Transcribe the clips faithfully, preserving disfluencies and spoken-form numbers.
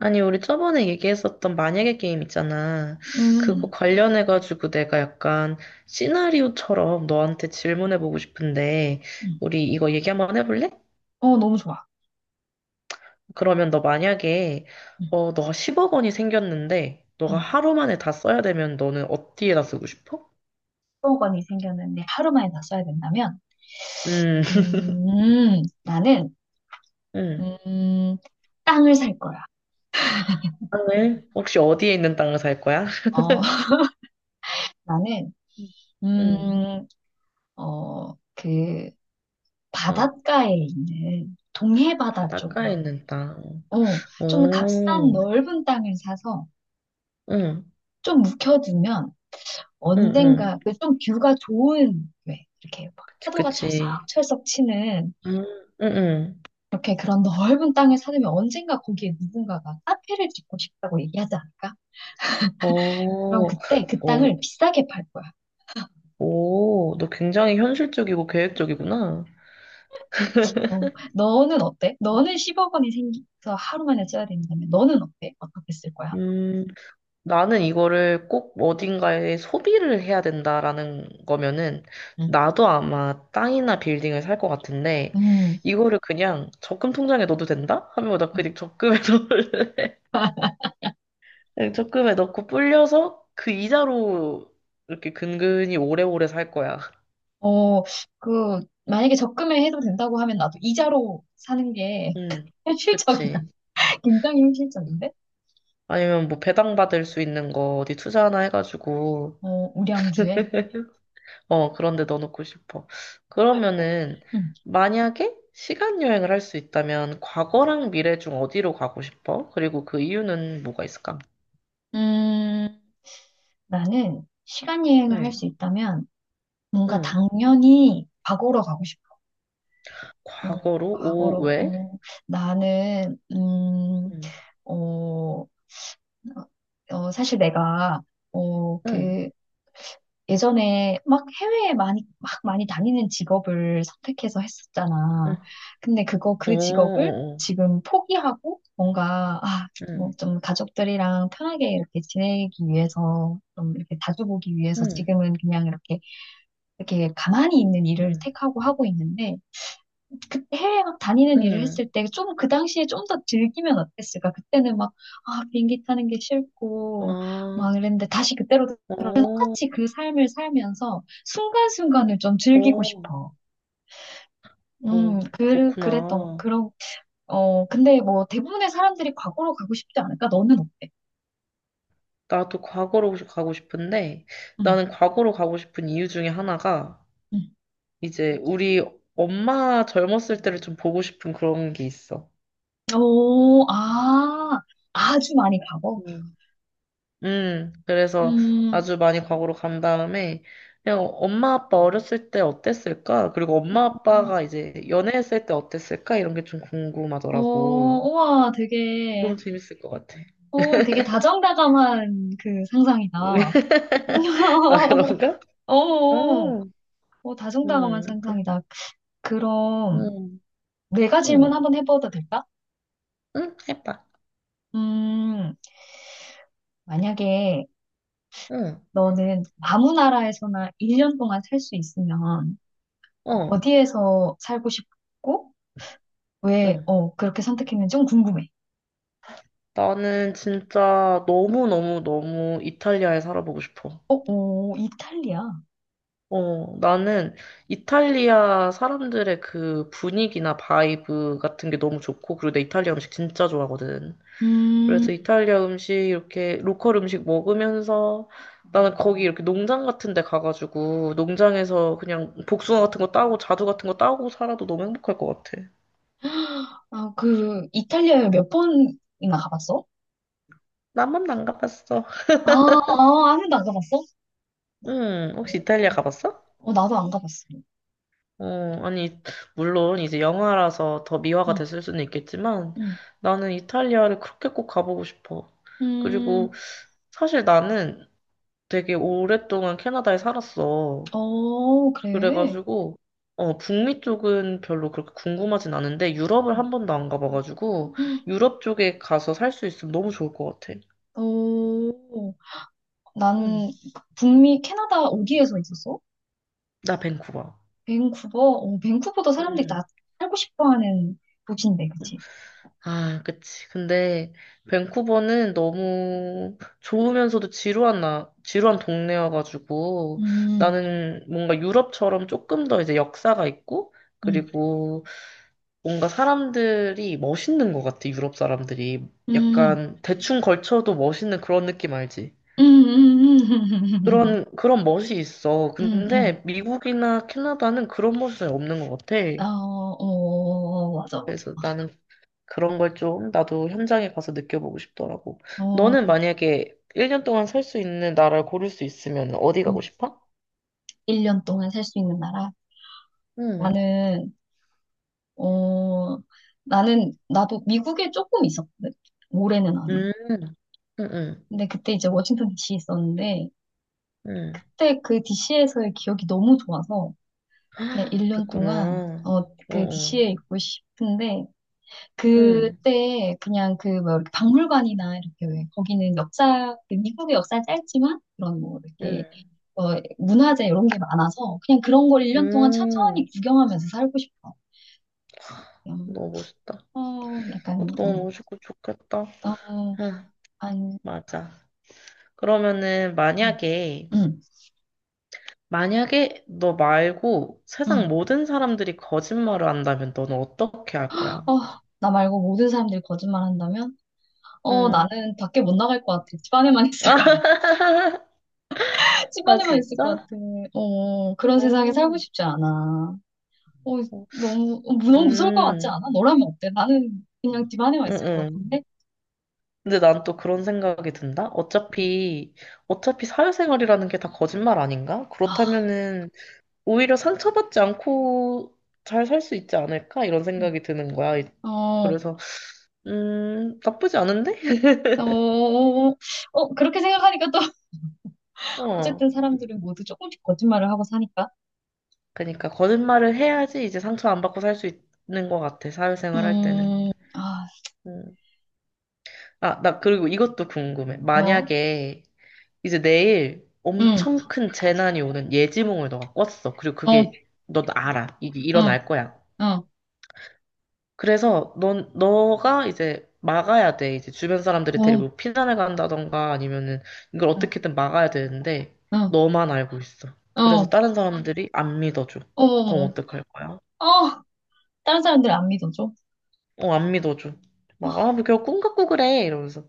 아니, 우리 저번에 얘기했었던 만약에 게임 있잖아. 그거 음, 관련해가지고 내가 약간 시나리오처럼 너한테 질문해보고 싶은데, 음. 우리 이거 얘기 한번 해볼래? 어, 너무 좋아. 그러면 너 만약에, 음, 어, 너가 십억 원이 생겼는데, 너가 음. 하루 만에 다 써야 되면 너는 어디에다 쓰고 싶어? 일억 원이 생겼는데 하루 만에 다 써야 된다면 음, 음, 나는 음. 음, 땅을 살 거야. 땅을? 혹시 어디에 있는 땅을 살 거야? 어, 나는 응, 음, 어, 그 응. 바닷가에 있는 동해 바다 쪽에 바닷가에 있는 있는 땅. 어, 좀 값싼 오, 넓은 땅을 사서 응, 좀 묵혀두면 응, 응. 언젠가 그 좀 뷰가 좋은 왜 이렇게 막 그치, 파도가 그치. 철썩철썩 치는 음, 응, 응. 이렇게 그런 넓은 땅을 사려면 언젠가 거기에 누군가가 카페를 짓고 싶다고 얘기하지 않을까? 어, 그럼 그때 그 어, 땅을 비싸게 팔 거야. 오, 너 굉장히 현실적이고 계획적이구나. 어, 너는 어때? 너는 십억 원이 생겨서 하루 만에 써야 된다면 너는 어때? 어떻게 쓸 거야? 음, 나는 이거를 꼭 어딘가에 소비를 해야 된다라는 거면은, 응. 나도 아마 땅이나 빌딩을 살 것 같은데, 음, 이거를 그냥 적금 통장에 넣어도 된다? 하면 나 그냥 적금에 넣을, 그냥 적금에 넣고 불려서 그 이자로 이렇게 근근히 오래오래 살 거야. 어, 그, 만약에 적금에 해도 된다고 하면 나도 이자로 사는 게 응, 현실적이다. 그치. 굉장히 현실적인데? 아니면 뭐 배당받을 수 있는 거 어디 투자 하나 해가지고, 어, 우량주에. 어, 그런데 넣어놓고 싶어. 그러면은, 음. 만약에 시간 여행을 할 수 있다면, 과거랑 미래 중 어디로 가고 싶어? 그리고 그 이유는 뭐가 있을까? 음, 나는 시간 여행을 할 수 응, 있다면 뭔가 응. 당연히 과거로 가고 싶어. 음, 과거로? 오, 과거로. 어, 왜? 나는 음, 응, 어, 어, 사실 내가 어, 응, 그 예전에 막 해외에 많이 막 많이 다니는 직업을 선택해서 했었잖아. 응. 근데 그거 오, 그 직업을 오, 오. 지금 포기하고 뭔가 아, 응, 뭐 좀 가족들이랑 편하게 이렇게 지내기 위해서 좀 이렇게 자주 보기 위해서 응, 지금은 그냥 이렇게 이렇게 가만히 있는 일을 응, 택하고 하고 있는데 그 해외 막 다니는 일을 응. 했을 때 좀 그 당시에 좀 더 즐기면 어땠을까? 그때는 막, 아, 비행기 타는 게 싫고, 막 아, 이랬는데 다시 그때로 돌아가 오, 똑같이 그 삶을 살면서 순간순간을 좀 즐기고 오, 싶어. 오, 음, 그, 그랬던, 그렇구나. 그런, 어, 근데 뭐 대부분의 사람들이 과거로 가고 싶지 않을까? 너는 어때? 나도 과거로 가고 싶은데 음, 나는 과거로 가고 싶은 이유 중에 하나가 음. 이제 우리 엄마 젊었을 때를 좀 보고 싶은 그런 게 있어. 오, 아, 아주 많이 가고. 음. 음, 그래서 음, 아주 많이 과거로 간 다음에 그냥 엄마 아빠 어렸을 때 어땠을까? 그리고 엄마 어, 아빠가 이제 연애했을 때 어땠을까? 이런 게 좀 어, 궁금하더라고. 우와, 되게. 너무 재밌을 것 같아. 오, 되게 다정다감한 그 상상이다. 아, 그런가? 어, 음, 어, 다정다감한 음, 그- 상상이다. 그럼 음, 내가 질문 음, 한번 해봐도 될까? 음, 해봐. 음, 만약에 음, 너는 아무 나라에서나 일 년 동안 살 수 있으면 어, 어디에서 살고 싶고 왜, 응. 어, 그렇게 선택했는지 좀 궁금해. 나는 진짜 너무너무너무 이탈리아에 살아보고 싶어. 어, 오, 이탈리아. 어, 나는 이탈리아 사람들의 그 분위기나 바이브 같은 게 너무 좋고, 그리고 내 이탈리아 음식 진짜 좋아하거든. 그래서 음, 이탈리아 음식, 이렇게 로컬 음식 먹으면서 나는 거기 이렇게 농장 같은 데 가가지고, 농장에서 그냥 복숭아 같은 거 따고, 자두 같은 거 따고 살아도 너무 행복할 것 같아. 아, 그, 이탈리아에 몇 번이나 가봤어? 나만 안 가봤어. 아, 아, 한 번도 안 가봤어? 응, 혹시 이탈리아 어, 가봤어? 어, 나도 안 가봤어. 어, 아니, 물론 이제 영화라서 더 응, 미화가 됐을 수는 있겠지만 응. 나는 이탈리아를 그렇게 꼭 가보고 싶어. 그리고 음, 사실 나는 되게 오랫동안 캐나다에 살았어. 어, 그래. 그래가지고, 어, 북미 쪽은 별로 그렇게 궁금하진 않은데 유럽을 한 번도 안 가봐가지고 유럽 쪽에 가서 살 수 있으면 너무 좋을 것 같아. 오, 응. 난 북미, 캐나다 어디에서 있었어? 나 밴쿠버. 밴쿠버? 어, 밴쿠버도 사람들이 응. 다 살고 싶어 하는 도시인데, 그치? 아, 그치. 근데 밴쿠버는 너무 좋으면서도 지루한 나, 지루한 동네여가지고 음, 나는 뭔가 유럽처럼 조금 더 이제 역사가 있고 음, 그리고 뭔가 사람들이 멋있는 것 같아, 유럽 사람들이. 음, 약간 대충 걸쳐도 멋있는 그런 느낌 알지? 음, 음, 음, 음, 음. 그런, 그런 멋이 있어. 음, 음, 음. 근데 미국이나 캐나다는 그런 멋이 없는 것 같아. 어, 어, 어, 어, 맞아, 그래서 맞아. 나는 그런 걸 좀 나도 현장에 가서 느껴보고 싶더라고. 너는 어, 만약에 일 년 동안 살 수 있는 나라를 고를 수 있으면 어디 가고 싶어? 일 년 동안 살 수 있는 나라? 응, 나는 어, 나는, 나도 미국에 조금 있었거든. 올해는 아니고. 응, 응, 응, 근데 그때 이제 워싱턴 디씨 에 있었는데, 응. 그때 그 디씨에서의 기억이 너무 좋아서, 그냥 헉, 일 년 동안, 그랬구나. 어, 응, 그 응, 디씨에 있고 싶은데, 응, 그때 그냥 그, 뭐, 이렇게 박물관이나 이렇게, 왜 거기는 역사, 그 미국의 역사 짧지만, 그런 뭐, 응. 이렇게, 어, 문화재 이런 게 많아서, 그냥 그런 걸 일 년 동안 천천히 응, 구경하면서 살고 싶어. 그냥, 너무 멋있다. 어, 약간, 그것도 너무 멋있고 좋겠다. 어, 어, 아, 한, 맞아. 그러면은 음. 만약에, 응, 만약에 너 말고 응. 세상 모든 사람들이 거짓말을 한다면 너는 어떻게 할 거야? 어, 나 말고 모든 사람들이 거짓말 한다면? 어, 응. 나는 밖에 못 나갈 것 같아. 집 안에만 있을 것 같아. 집 아, 안에만 있을 것 같아. 진짜? 어, 그런 세상에 어, 살고 싶지 않아. 어, 어. 너무, 어, 너무 무서울 것 같지 음, 않아? 너라면 어때? 나는 그냥 집 안에만 응, 있을 것 응. 같은데? 근데 난 또 그런 생각이 든다? 어차피, 어차피 사회생활이라는 게 다 거짓말 아닌가? 아, 그렇다면은, 오히려 상처받지 않고 잘 살 수 있지 않을까? 이런 응. 생각이 드는 거야. 어, 그래서, 음, 나쁘지 않은데? 어, 어, 어, 어, 그렇게 생각하니까 또, 어. 어쨌든 사람들은 모두 조금씩 거짓말을 하고 사니까. 그러니까, 거짓말을 해야지 이제 상처 안 받고 살 수 있는 것 같아. 사회생활 할 때는. 음, 아, 음. 아, 나 그리고 이것도 궁금해. 어, 만약에, 이제 내일 응, 엄청 큰 재난이 오는 예지몽을 너가 꿨어. 그리고 어, 그게 넌 알아. 이게 어, 일어날 거야. 어, 그래서 넌 너가 이제 막아야 돼. 이제 주변 어, 사람들이 어, 데리고 피난을 간다던가 아니면은 이걸 어떻게든 막아야 되는데 어, 너만 알고 있어. 그래서 어. 다른 사람들이 안 믿어줘. 어, 그럼 어, 어떡할 거야? 아, 다른 사람들 안 믿어줘? 어, 안 믿어줘. 막, 아, 아, 뭐, 겨꿈 갖고 그래. 이러면서.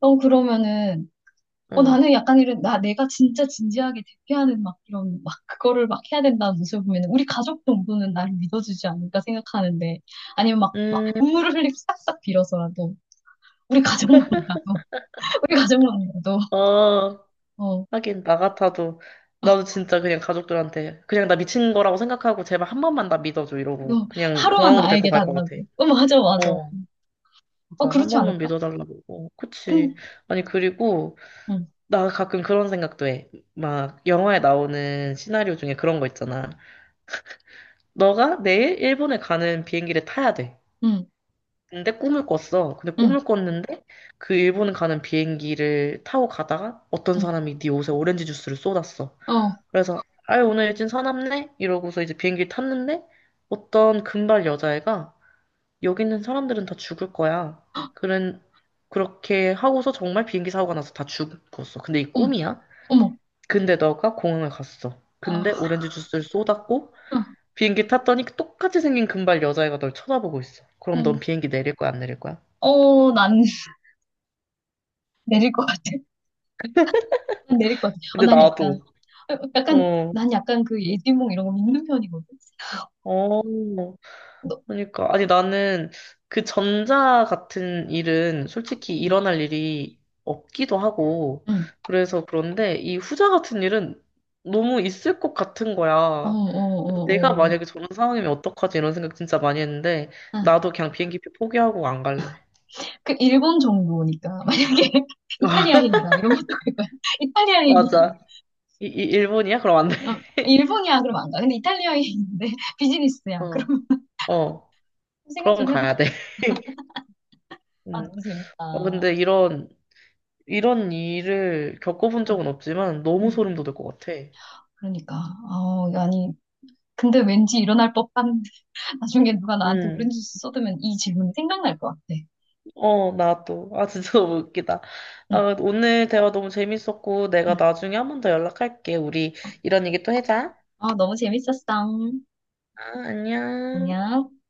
어, 그러면은, 어, 응. 나는 약간 이런, 나, 내가 진짜 진지하게 대피하는 막 이런, 막 그거를 막 해야 된다는 모습을 보면 우리 가족 정도는 나를 믿어주지 않을까 생각하는데, 아니면 막, 막 음, 눈물을 흘리고 싹싹 빌어서라도, 우리 가족만이라도, 우리 가족만이라도, 어, 어, 어, 하긴 나 같아도 나도 진짜 그냥 가족들한테 그냥 나 미친 거라고 생각하고 제발 한 번만 나 믿어줘 이러고 너 그냥 하루만 공항으로 데리고 나에게 갈 것 같아. 달라고. 어, 맞아, 맞아. 어, 어, 맞아. 한 그렇지 번만 않을까? 믿어달라고. 어, 그치. 근, 아니, 그리고, 응, 나 가끔 그런 생각도 해. 막, 영화에 나오는 시나리오 중에 그런 거 있잖아. 너가 내일 일본에 가는 비행기를 타야 돼. 응, 근데 꿈을 꿨어. 근데 응, 꿈을 꿨는데, 그 일본 가는 비행기를 타고 가다가 어떤 응, 사람이 네 옷에 오렌지 주스를 쏟았어. 어, 그래서 아유 오늘 일진 사납네 이러고서 이제 비행기 를 탔는데 어떤 금발 여자애가 여기 있는 사람들은 다 죽을 거야. 그런 그렇게 하고서 정말 비행기 사고가 나서 다 죽었어. 근데 이 어머, 꿈이야. 어머, 근데 너가 공항을 갔어. 근데 아, 오렌지 주스를 쏟았고 비행기 탔더니 똑같이 생긴 금발 여자애가 널 쳐다보고 있어. 어, 그럼 넌 비행기 내릴 거야 안 내릴 거야? 어, 난 내릴 것 같아. 난 내릴 것 같아. 어, 근데 난 약간, 나도 어, 약간, 어, 난 약간 그 예지몽 이런 거 믿는 편이거든. 어, 너, 그러니까 아니 나는 그 전자 같은 일은 솔직히 일어날 일이 없기도 하고 응. 그래서 그런데 이 후자 같은 일은 너무 있을 것 같은 어, 어, 거야. 내가 어, 어. 만약에 저런 상황이면 어떡하지 이런 생각 진짜 많이 했는데 아, 나도 그냥 비행기표 포기하고 안 갈래. 그 일본 정도니까 만약에 이탈리아인이다 이런 것도 그거야. 이탈리아인이다. 맞아. 이, 이 일본이야? 그럼 안 돼. 어, 일본이야 그럼 안 가. 근데 이탈리아인인데 비즈니스야. 어, 그럼 어. 생각 그럼 좀 해봐. 가야 돼. 아, 음. 너무 재밌다. 어, 근데 이런 이런 일을 겪어본 응, 적은 없지만 너무 응. 소름 돋을 것 같아. 그러니까. 아, 아니. 근데 왠지 일어날 법한 나중에 누가 나한테 음. 오렌지 주스 쏟으면 이 질문이 생각날 것 같아. 어, 나도. 아, 진짜 너무 웃기다. 응, 아, 오늘 대화 너무 재밌었고, 내가 응. 나중에 한 번 더 연락할게. 우리 이런 얘기 또 하자. 어, 너무 재밌었어. 아, 안녕. 안녕.